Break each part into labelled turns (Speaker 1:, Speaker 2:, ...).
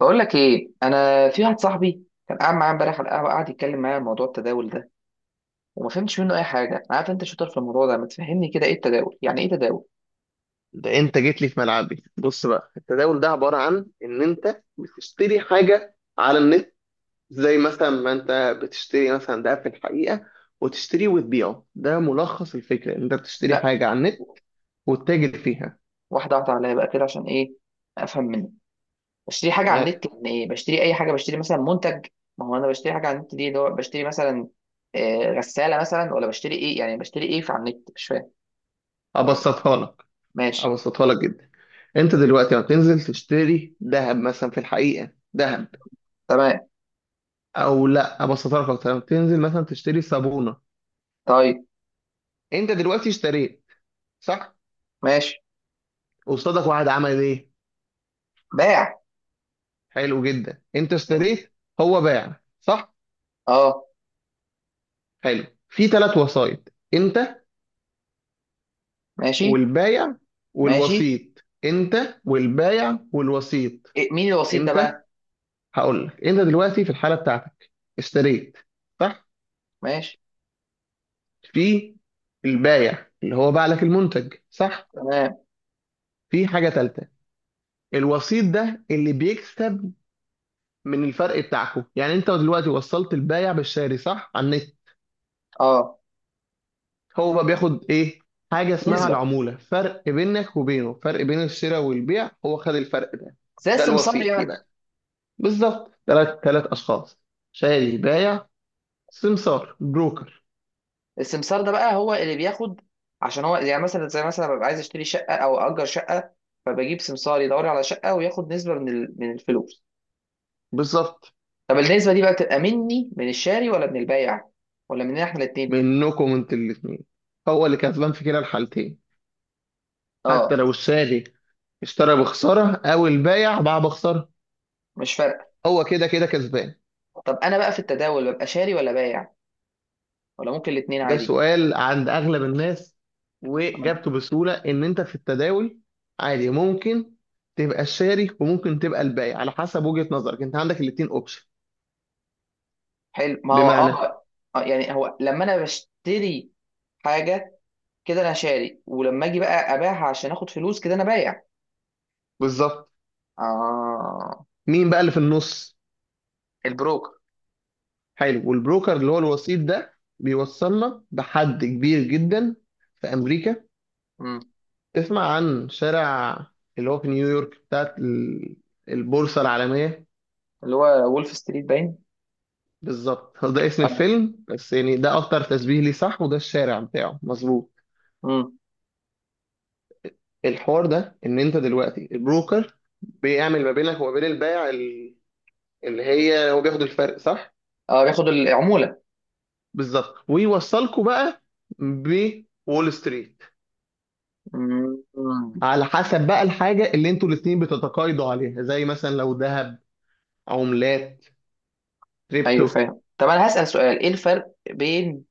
Speaker 1: بقول لك ايه، انا في واحد صاحبي كان قاعد معايا امبارح على القهوه، قاعد يتكلم معايا عن موضوع التداول ده وما فهمتش منه اي حاجه. أنا عارف انت شاطر في الموضوع ده، ما تفهمني كده ايه التداول؟ يعني ايه تداول؟
Speaker 2: ده انت جيت لي في ملعبي. بص بقى، التداول ده عبارة عن ان انت بتشتري حاجة على النت، زي مثلا ما انت بتشتري مثلا ده في الحقيقة، وتشتريه وتبيعه. ده ملخص الفكرة ان انت بتشتري
Speaker 1: لا،
Speaker 2: حاجة على النت وتتاجر فيها.
Speaker 1: واحده واحده عليا بقى كده، عشان ايه افهم منه. بشتري حاجه على
Speaker 2: تمام.
Speaker 1: النت يعني ايه؟ بشتري اي حاجه؟ بشتري مثلا منتج؟ ما هو انا بشتري حاجه على النت، دي اللي هو بشتري مثلا غساله مثلا، ولا بشتري ايه؟ يعني بشتري ايه في على النت؟ مش فاهم. آه،
Speaker 2: ابسطها لك
Speaker 1: ماشي.
Speaker 2: ابسطها لك جدا. انت دلوقتي لما تنزل تشتري ذهب مثلا في الحقيقة، ذهب،
Speaker 1: تمام.
Speaker 2: او لا ابسطها لك اكتر. لما تنزل مثلا تشتري صابونة،
Speaker 1: طيب.
Speaker 2: انت دلوقتي اشتريت، صح؟
Speaker 1: ماشي.
Speaker 2: قصادك واحد عمل ايه؟
Speaker 1: باع.
Speaker 2: حلو جدا. انت اشتريت، هو باع، صح؟
Speaker 1: اه.
Speaker 2: حلو، في ثلاث وسايط:
Speaker 1: ماشي.
Speaker 2: والبايع
Speaker 1: ماشي.
Speaker 2: انت والبايع والوسيط.
Speaker 1: إيه، مين الوسيط ده
Speaker 2: انت
Speaker 1: بقى؟
Speaker 2: هقول لك، انت دلوقتي في الحاله بتاعتك اشتريت، صح؟
Speaker 1: ماشي.
Speaker 2: في البايع اللي هو باع لك المنتج، صح؟
Speaker 1: تمام.
Speaker 2: في حاجه ثالثه، الوسيط ده اللي بيكسب من الفرق بتاعكم. يعني انت دلوقتي وصلت البايع بالشاري، صح؟ على النت.
Speaker 1: اه.
Speaker 2: هو بقى بياخد ايه؟ حاجه اسمها
Speaker 1: نسبه،
Speaker 2: العموله، فرق بينك وبينه، فرق بين الشراء والبيع، هو خد الفرق ده.
Speaker 1: زي
Speaker 2: ده
Speaker 1: السمسار
Speaker 2: الوسيط
Speaker 1: يعني.
Speaker 2: يبقى. بالظبط. ثلاث اشخاص: شاري، بايع، سمسار، بروكر.
Speaker 1: السمسار ده بقى هو اللي بياخد، عشان هو يعني مثلا، زي مثلا ببقى عايز اشتري شقه او اجر شقه، فبجيب سمسار يدور لي على شقه وياخد نسبه من من الفلوس.
Speaker 2: بالظبط.
Speaker 1: طب النسبه دي بقى بتبقى مني، من الشاري، ولا من البايع، ولا مننا احنا الاثنين؟
Speaker 2: منكم انتوا الاثنين، هو اللي كسبان في كلا الحالتين. حتى
Speaker 1: اه.
Speaker 2: لو الشاري اشترى بخساره او البايع باع بخساره،
Speaker 1: مش فارقه.
Speaker 2: هو كده كده كسبان.
Speaker 1: طب انا بقى في التداول ببقى شاري ولا بايع، ولا ممكن الاثنين
Speaker 2: ده
Speaker 1: عادي؟
Speaker 2: سؤال عند اغلب الناس،
Speaker 1: آه.
Speaker 2: واجابته بسهوله ان انت في التداول عادي ممكن تبقى الشاري وممكن تبقى البائع، على حسب وجهه نظرك. انت عندك الاتنين اوبشن.
Speaker 1: حلو. ما هو
Speaker 2: بمعنى،
Speaker 1: اه. يعني هو لما انا بشتري حاجه، كده انا شاري. ولما اجي بقى ابيعها عشان اخد فلوس، كده انا بايع.
Speaker 2: بالظبط.
Speaker 1: اه.
Speaker 2: مين بقى اللي في النص؟
Speaker 1: البروكر.
Speaker 2: حلو. والبروكر اللي هو الوسيط ده بيوصلنا بحد كبير جدا في امريكا.
Speaker 1: مم.
Speaker 2: تسمع عن شارع اللي هو في نيويورك بتاعت البورصه العالميه.
Speaker 1: اللي هو وولف ستريت باين.
Speaker 2: بالظبط، هو ده اسم
Speaker 1: اه.
Speaker 2: الفيلم بس، يعني ده اكتر تشبيه ليه، صح؟ وده الشارع بتاعه، مظبوط.
Speaker 1: مم.
Speaker 2: الحوار ده ان انت دلوقتي البروكر بيعمل ما بينك وما بين البائع اللي هي هو بياخد الفرق، صح؟
Speaker 1: اه بياخد العمولة.
Speaker 2: بالظبط. ويوصلكوا بقى بول ستريت،
Speaker 1: مم. مم.
Speaker 2: على حسب بقى الحاجه اللي انتوا الاثنين بتتقايضوا عليها، زي مثلا لو ذهب، عملات،
Speaker 1: ايوه
Speaker 2: كريبتو.
Speaker 1: فاهم. طب انا هسأل سؤال، ايه الفرق بين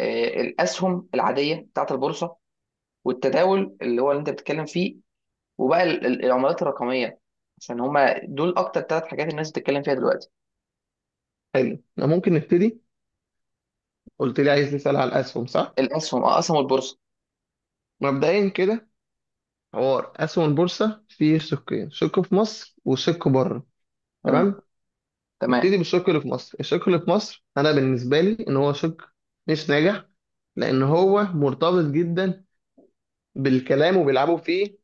Speaker 1: الاسهم العادية بتاعت البورصة والتداول اللي هو اللي انت بتتكلم فيه، وبقى العملات الرقمية؟ عشان هما دول اكتر ثلاث حاجات الناس بتتكلم فيها دلوقتي.
Speaker 2: حلو. أنا ممكن نبتدي. قلت لي عايز نسال على الاسهم، صح؟
Speaker 1: الاسهم، اه، اسهم البورصة.
Speaker 2: مبدئيا كده، حوار اسهم البورصه فيه شقين، شق في مصر وشق بره.
Speaker 1: مم.
Speaker 2: تمام؟
Speaker 1: تمام.
Speaker 2: نبتدي بالشق اللي في مصر. الشق اللي في مصر انا بالنسبه لي ان هو شق مش ناجح، لان هو مرتبط جدا بالكلام وبيلعبوا فيه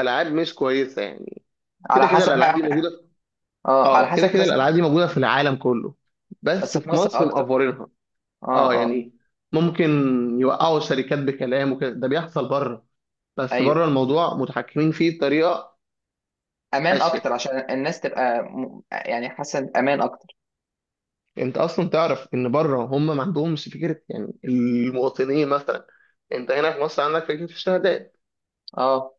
Speaker 2: العاب مش كويسه. يعني كده
Speaker 1: على
Speaker 2: كده
Speaker 1: حسب
Speaker 2: الالعاب دي
Speaker 1: بقى.
Speaker 2: موجوده في...
Speaker 1: اه على
Speaker 2: اه، كده
Speaker 1: حسب
Speaker 2: كده
Speaker 1: بس.
Speaker 2: الالعاب دي موجوده في العالم كله بس
Speaker 1: بس في
Speaker 2: في
Speaker 1: مصر
Speaker 2: مصر
Speaker 1: اكتر.
Speaker 2: مقفرينها.
Speaker 1: اه
Speaker 2: اه
Speaker 1: اه.
Speaker 2: يعني ممكن يوقعوا الشركات بكلام وكده. ده بيحصل بره، بس
Speaker 1: ايوه،
Speaker 2: بره الموضوع متحكمين فيه بطريقه
Speaker 1: امان اكتر
Speaker 2: اشيك.
Speaker 1: عشان الناس تبقى يعني حاسه امان اكتر.
Speaker 2: انت اصلا تعرف ان بره هم ما عندهمش فكره، يعني المواطنين مثلا. انت هنا في مصر عندك فكره الشهادات،
Speaker 1: اه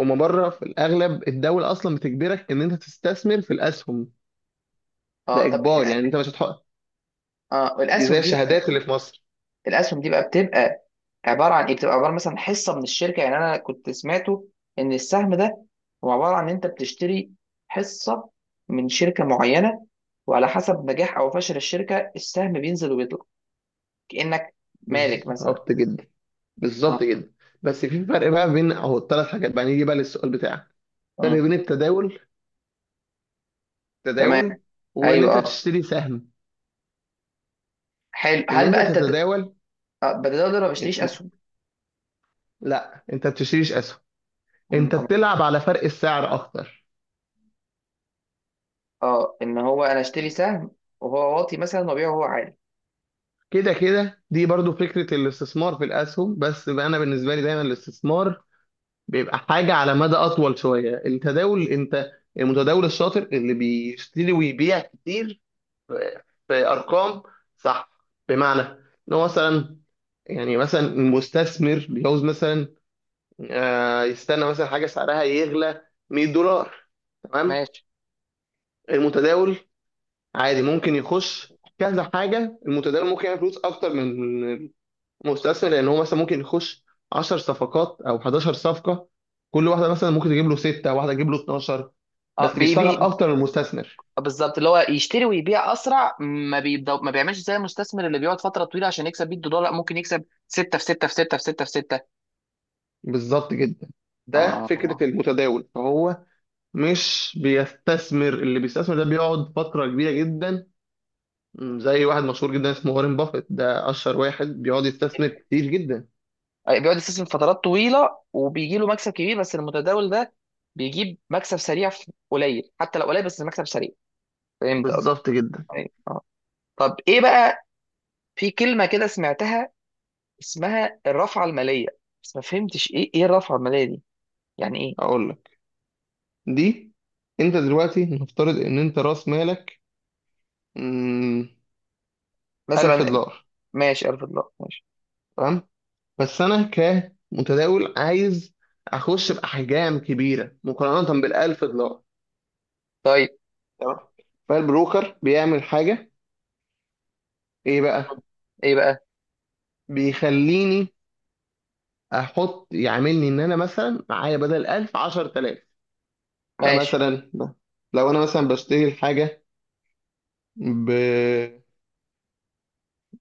Speaker 2: هم بره في الاغلب الدوله اصلا بتجبرك ان انت تستثمر في الاسهم.
Speaker 1: اه.
Speaker 2: ده
Speaker 1: طب
Speaker 2: اجبار، يعني انت مش هتحط.
Speaker 1: اه
Speaker 2: دي زي
Speaker 1: الاسهم دي بقى،
Speaker 2: الشهادات اللي في مصر.
Speaker 1: الاسهم دي بقى بتبقى عباره عن ايه؟ بتبقى عباره مثلا حصه من الشركه. يعني انا كنت سمعته ان السهم ده هو عباره عن ان انت بتشتري حصه من شركه معينه، وعلى حسب نجاح او فشل الشركه السهم بينزل وبيطلع، كانك مالك مثلا.
Speaker 2: بالظبط جدا، بالظبط
Speaker 1: اه.
Speaker 2: جدا. بس في فرق بقى بين اهو الثلاث حاجات. بقى نيجي بقى للسؤال بتاعك. فرق
Speaker 1: مم.
Speaker 2: بين
Speaker 1: تمام.
Speaker 2: التداول وان
Speaker 1: ايوه
Speaker 2: انت
Speaker 1: اه.
Speaker 2: تشتري سهم،
Speaker 1: حلو،
Speaker 2: ان
Speaker 1: هل
Speaker 2: انت
Speaker 1: بقى
Speaker 2: تتداول.
Speaker 1: بدل اقدر ما بشتريش اسهم.
Speaker 2: لا، انت بتشتريش اسهم،
Speaker 1: مم،
Speaker 2: انت بتلعب على فرق السعر اكتر.
Speaker 1: اه ان هو انا اشتري سهم وهو واطي مثلا وابيعه وهو عالي.
Speaker 2: كده كده دي برضو فكرة الاستثمار في الأسهم، بس بقى أنا بالنسبة لي دايما الاستثمار بيبقى حاجة على مدى أطول شوية. التداول، أنت المتداول الشاطر اللي بيشتري ويبيع كتير، في في أرقام، صح؟ بمعنى، إن هو مثلا، يعني مثلا المستثمر بيعوز مثلا يستنى مثلا حاجة سعرها يغلى $100، تمام.
Speaker 1: ماشي.
Speaker 2: المتداول عادي ممكن يخش كذا حاجة. المتداول ممكن يعمل فلوس أكتر من مستثمر، لان هو مثلا ممكن يخش 10 صفقات او 11 صفقه، كل واحده مثلا ممكن تجيب له 6، واحده تجيب له 12،
Speaker 1: اه
Speaker 2: بس
Speaker 1: بي
Speaker 2: بيشتغل
Speaker 1: بي
Speaker 2: اكتر من المستثمر.
Speaker 1: بالظبط، اللي هو يشتري ويبيع اسرع، ما بيبدأ ما بيعملش زي المستثمر اللي بيقعد فتره طويله عشان يكسب 100 دولار. لا، ممكن يكسب 6 في 6 في 6 في 6 في 6.
Speaker 2: بالظبط جدا. ده
Speaker 1: اه،
Speaker 2: فكره المتداول. فهو مش بيستثمر. اللي بيستثمر ده بيقعد فتره كبيره جدا، زي واحد مشهور جدا اسمه وارين بافيت، ده اشهر واحد بيقعد يستثمر كتير جدا.
Speaker 1: بيقعد يستثمر فترات طويله وبيجي له مكسب كبير، بس المتداول ده بيجيب مكسب سريع في قليل، حتى لو قليل، بس المكسب سريع. فهمت قصدي؟
Speaker 2: بالظبط جدا.
Speaker 1: أيوة. اه. طب ايه بقى؟ في كلمه كده سمعتها اسمها الرافعه الماليه، بس ما فهمتش ايه الرافعه الماليه دي؟ يعني ايه؟
Speaker 2: هقول لك، دي، انت دلوقتي نفترض ان انت راس مالك م، 1000
Speaker 1: مثلا.
Speaker 2: دولار
Speaker 1: ماشي، 1000، الله ماشي.
Speaker 2: تمام. بس انا كمتداول عايز اخش باحجام كبيره مقارنه بالالف دولار،
Speaker 1: طيب.
Speaker 2: تمام. فالبروكر بيعمل حاجه، ايه بقى؟
Speaker 1: ايه بقى؟
Speaker 2: بيخليني احط، يعملني ان انا مثلا معايا بدل 1000، 10,000.
Speaker 1: ماشي.
Speaker 2: فمثلا لو انا مثلا بشتري الحاجه ب،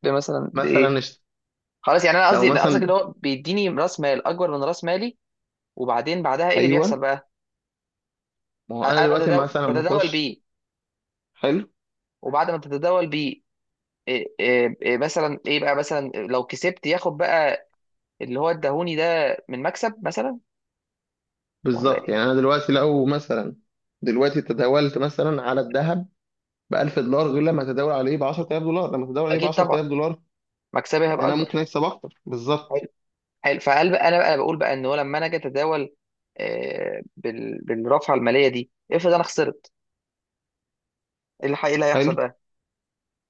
Speaker 1: مثلا بايه؟
Speaker 2: مثلا
Speaker 1: خلاص، يعني انا
Speaker 2: لو
Speaker 1: قصدي قصدك اللي
Speaker 2: مثلا،
Speaker 1: هو بيديني راس مال اكبر من راس مالي، وبعدين بعدها ايه اللي بيحصل
Speaker 2: ايوه،
Speaker 1: بقى؟
Speaker 2: ما هو انا
Speaker 1: انا
Speaker 2: دلوقتي
Speaker 1: بتداول،
Speaker 2: مثلا لما
Speaker 1: بتداول
Speaker 2: اخش.
Speaker 1: بيه.
Speaker 2: حلو.
Speaker 1: وبعد ما تتداول بيه، إيه إيه إيه مثلا ايه بقى مثلا لو كسبت، ياخد بقى اللي هو اداهوني ده من مكسب مثلا، ولا
Speaker 2: بالظبط.
Speaker 1: ايه؟
Speaker 2: يعني انا دلوقتي لو مثلا دلوقتي تداولت مثلا على الذهب ب $1000، غير لما تداول عليه ب $10,000. لما تداول عليه ب
Speaker 1: اكيد طبعا
Speaker 2: $10,000،
Speaker 1: مكسبي هيبقى
Speaker 2: فانا
Speaker 1: اكبر.
Speaker 2: ممكن اكسب اكتر. بالظبط.
Speaker 1: حلو. حلو فقال بقى، انا بقى بقول بقى ان هو لما انا اجي اتداول بالرافعه الماليه دي، افرض انا خسرت، إيه اللي هيحصل
Speaker 2: حلو.
Speaker 1: بقى؟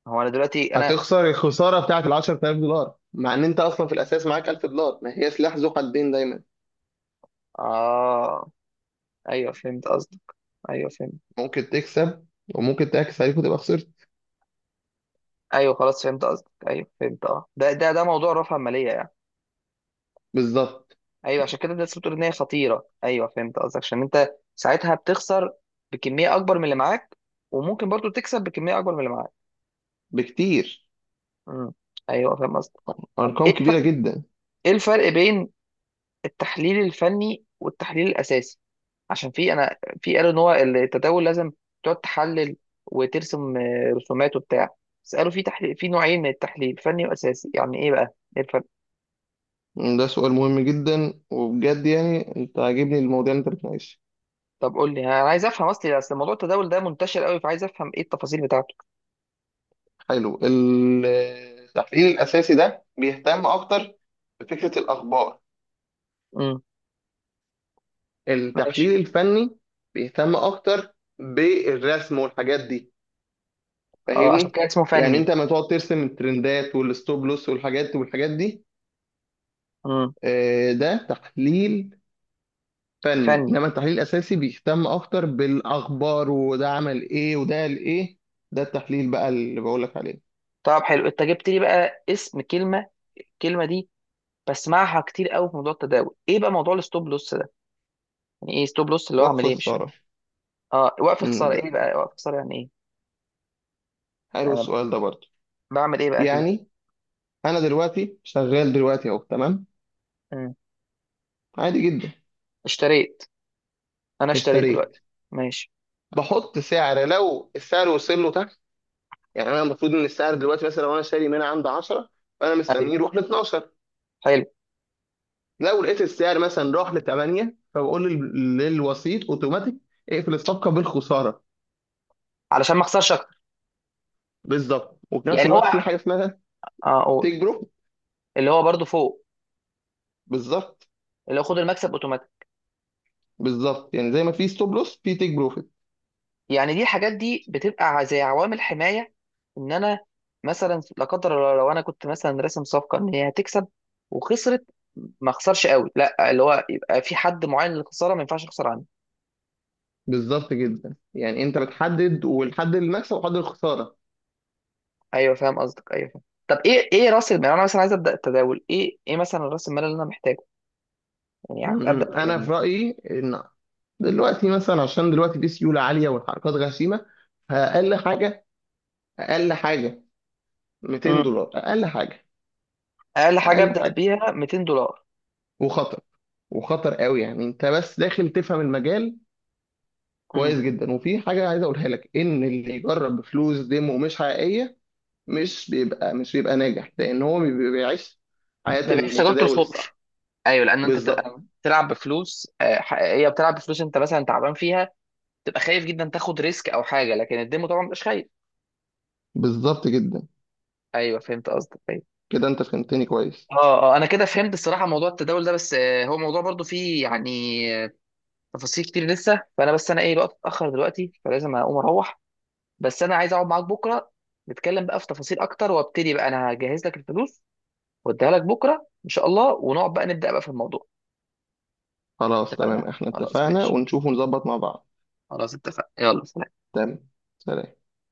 Speaker 1: هو انا دلوقتي انا.
Speaker 2: هتخسر الخساره بتاعت ال $10,000 مع ان انت اصلا في الاساس معاك $1000. ما هي سلاح ذو حدين دايما.
Speaker 1: آه. ايوه فهمت قصدك، ايوه فهمت.
Speaker 2: ممكن تكسب وممكن تعكس عليك وتبقى خسرت.
Speaker 1: ايوه خلاص فهمت قصدك، ايوه فهمت اه، ده موضوع رفع ماليه يعني.
Speaker 2: بالظبط،
Speaker 1: ايوه، عشان كده الناس بتقول ان هي خطيره. ايوه فهمت قصدك، عشان انت ساعتها بتخسر بكميه اكبر من اللي معاك، وممكن برضو تكسب بكميه اكبر من اللي معاك.
Speaker 2: بكتير،
Speaker 1: امم. ايوه فاهم قصدك. طب ايه
Speaker 2: ارقام كبيره
Speaker 1: الفرق،
Speaker 2: جدا.
Speaker 1: ايه الفرق بين التحليل الفني والتحليل الاساسي؟ عشان في انا في قالوا ان هو التداول لازم تقعد تحلل وترسم رسومات وبتاع. بس قالوا في تحليل، في نوعين من التحليل، فني واساسي، يعني ايه بقى؟ ايه الفرق؟
Speaker 2: ده سؤال مهم جدا وبجد، يعني انت عاجبني المواضيع اللي انت بتناقشها.
Speaker 1: طب قول لي، انا عايز افهم. اصل موضوع التداول ده منتشر قوي، فعايز افهم ايه التفاصيل بتاعته.
Speaker 2: حلو. التحليل الاساسي ده بيهتم اكتر بفكره الاخبار،
Speaker 1: امم. ماشي.
Speaker 2: التحليل الفني بيهتم اكتر بالرسم والحاجات دي،
Speaker 1: اه عشان
Speaker 2: فاهمني؟
Speaker 1: كده اسمه
Speaker 2: يعني
Speaker 1: فني.
Speaker 2: انت لما تقعد ترسم الترندات والستوب لوس والحاجات والحاجات دي،
Speaker 1: امم.
Speaker 2: ده تحليل فني.
Speaker 1: فني.
Speaker 2: انما التحليل الاساسي بيهتم اكتر بالاخبار، وده عمل ايه وده قال ايه. ده التحليل بقى اللي بقول لك عليه.
Speaker 1: طب حلو، انت جبت لي بقى اسم كلمه، الكلمه دي بسمعها كتير قوي في موضوع التداول. ايه بقى موضوع الستوب لوس ده؟ يعني ايه ستوب لوس؟ اللي هو اعمل
Speaker 2: وقف
Speaker 1: ايه؟ مش فاهم.
Speaker 2: الثرى.
Speaker 1: اه، وقف خساره، ايه
Speaker 2: ده،
Speaker 1: بقى وقف خساره؟ يعني ايه؟
Speaker 2: حلو
Speaker 1: انا
Speaker 2: السؤال ده برضه.
Speaker 1: بعمل ايه بقى فيه؟
Speaker 2: يعني انا دلوقتي شغال دلوقتي اهو، تمام،
Speaker 1: مم.
Speaker 2: عادي جدا.
Speaker 1: اشتريت. انا اشتريت
Speaker 2: اشتريت.
Speaker 1: دلوقتي. ماشي.
Speaker 2: بحط سعر، لو السعر وصل له. يعني انا المفروض ان السعر دلوقتي مثلا لو انا شاري من عند 10، فانا
Speaker 1: ايوه.
Speaker 2: مستنيه يروح ل 12.
Speaker 1: حلو.
Speaker 2: لو لقيت السعر مثلا راح ل 8، فبقول للوسيط اوتوماتيك اقفل الصفقه بالخساره.
Speaker 1: علشان ما اخسرش اكتر.
Speaker 2: بالظبط. وفي نفس
Speaker 1: يعني
Speaker 2: الوقت في
Speaker 1: هو.
Speaker 2: حاجه اسمها
Speaker 1: اه اقول.
Speaker 2: تيك بروفيت.
Speaker 1: اللي هو برضو فوق.
Speaker 2: بالظبط.
Speaker 1: اللي هو خد المكسب اوتوماتيك.
Speaker 2: بالظبط، يعني زي ما في ستوب لوس في تيك بروفيت.
Speaker 1: يعني دي، الحاجات دي بتبقى زي عوامل حمايه، ان انا مثلا لا قدر الله لو انا كنت مثلا راسم صفقه ان هي هتكسب وخسرت، ما اخسرش قوي. لا، اللي هو يبقى في حد معين للخساره ما ينفعش اخسر عنه.
Speaker 2: بالظبط جدا، يعني انت بتحدد والحد المكسب وحد الخساره.
Speaker 1: ايوه فاهم قصدك، ايوه فاهم. طب ايه راس المال؟ انا مثلا عايز ابدا التداول، ايه مثلا راس المال اللي انا محتاجه؟
Speaker 2: م-
Speaker 1: يعني ابدا
Speaker 2: م. انا
Speaker 1: بكام؟
Speaker 2: في رايي ان دلوقتي مثلا، عشان دلوقتي في سيوله عاليه والحركات غشيمه، فاقل حاجه، اقل حاجه، 200
Speaker 1: امم.
Speaker 2: دولار اقل حاجه،
Speaker 1: اقل حاجه
Speaker 2: اقل
Speaker 1: ابدا
Speaker 2: حاجه.
Speaker 1: بيها 200 دولار.
Speaker 2: وخطر، وخطر قوي. يعني انت بس داخل تفهم المجال
Speaker 1: امم.
Speaker 2: كويس جدا. وفي حاجه عايز اقولها لك، ان اللي يجرب بفلوس ديمو مش حقيقيه، مش بيبقى ناجح لان هو بيبقى بيعيش حياه
Speaker 1: ما بيعيش تجربه
Speaker 2: المتداول
Speaker 1: الخوف.
Speaker 2: الصح.
Speaker 1: ايوه، لان انت بتبقى
Speaker 2: بالظبط.
Speaker 1: بتلعب بفلوس حقيقيه، بتلعب بفلوس انت مثلا تعبان فيها، تبقى خايف جدا تاخد ريسك او حاجه، لكن الديمو طبعا مش خايف.
Speaker 2: بالظبط جدا.
Speaker 1: ايوه فهمت قصدك، ايوه.
Speaker 2: كده انت فهمتني كويس.
Speaker 1: اه اه، انا كده فهمت الصراحه موضوع التداول ده، بس هو موضوع برضو فيه يعني آه، تفاصيل كتير لسه، فانا بس انا ايه، الوقت اتاخر دلوقتي فلازم اقوم اروح. بس انا عايز اقعد معاك بكره نتكلم بقى في تفاصيل اكتر، وابتدي بقى. انا هجهز لك الفلوس واديها لك بكره ان شاء الله، ونقعد بقى نبدا بقى في الموضوع.
Speaker 2: خلاص، تمام،
Speaker 1: اتفقنا
Speaker 2: احنا
Speaker 1: خلاص،
Speaker 2: اتفقنا.
Speaker 1: ماشي.
Speaker 2: ونشوف ونظبط مع بعض.
Speaker 1: خلاص اتفقنا، يلا سلام.
Speaker 2: تمام. سلام.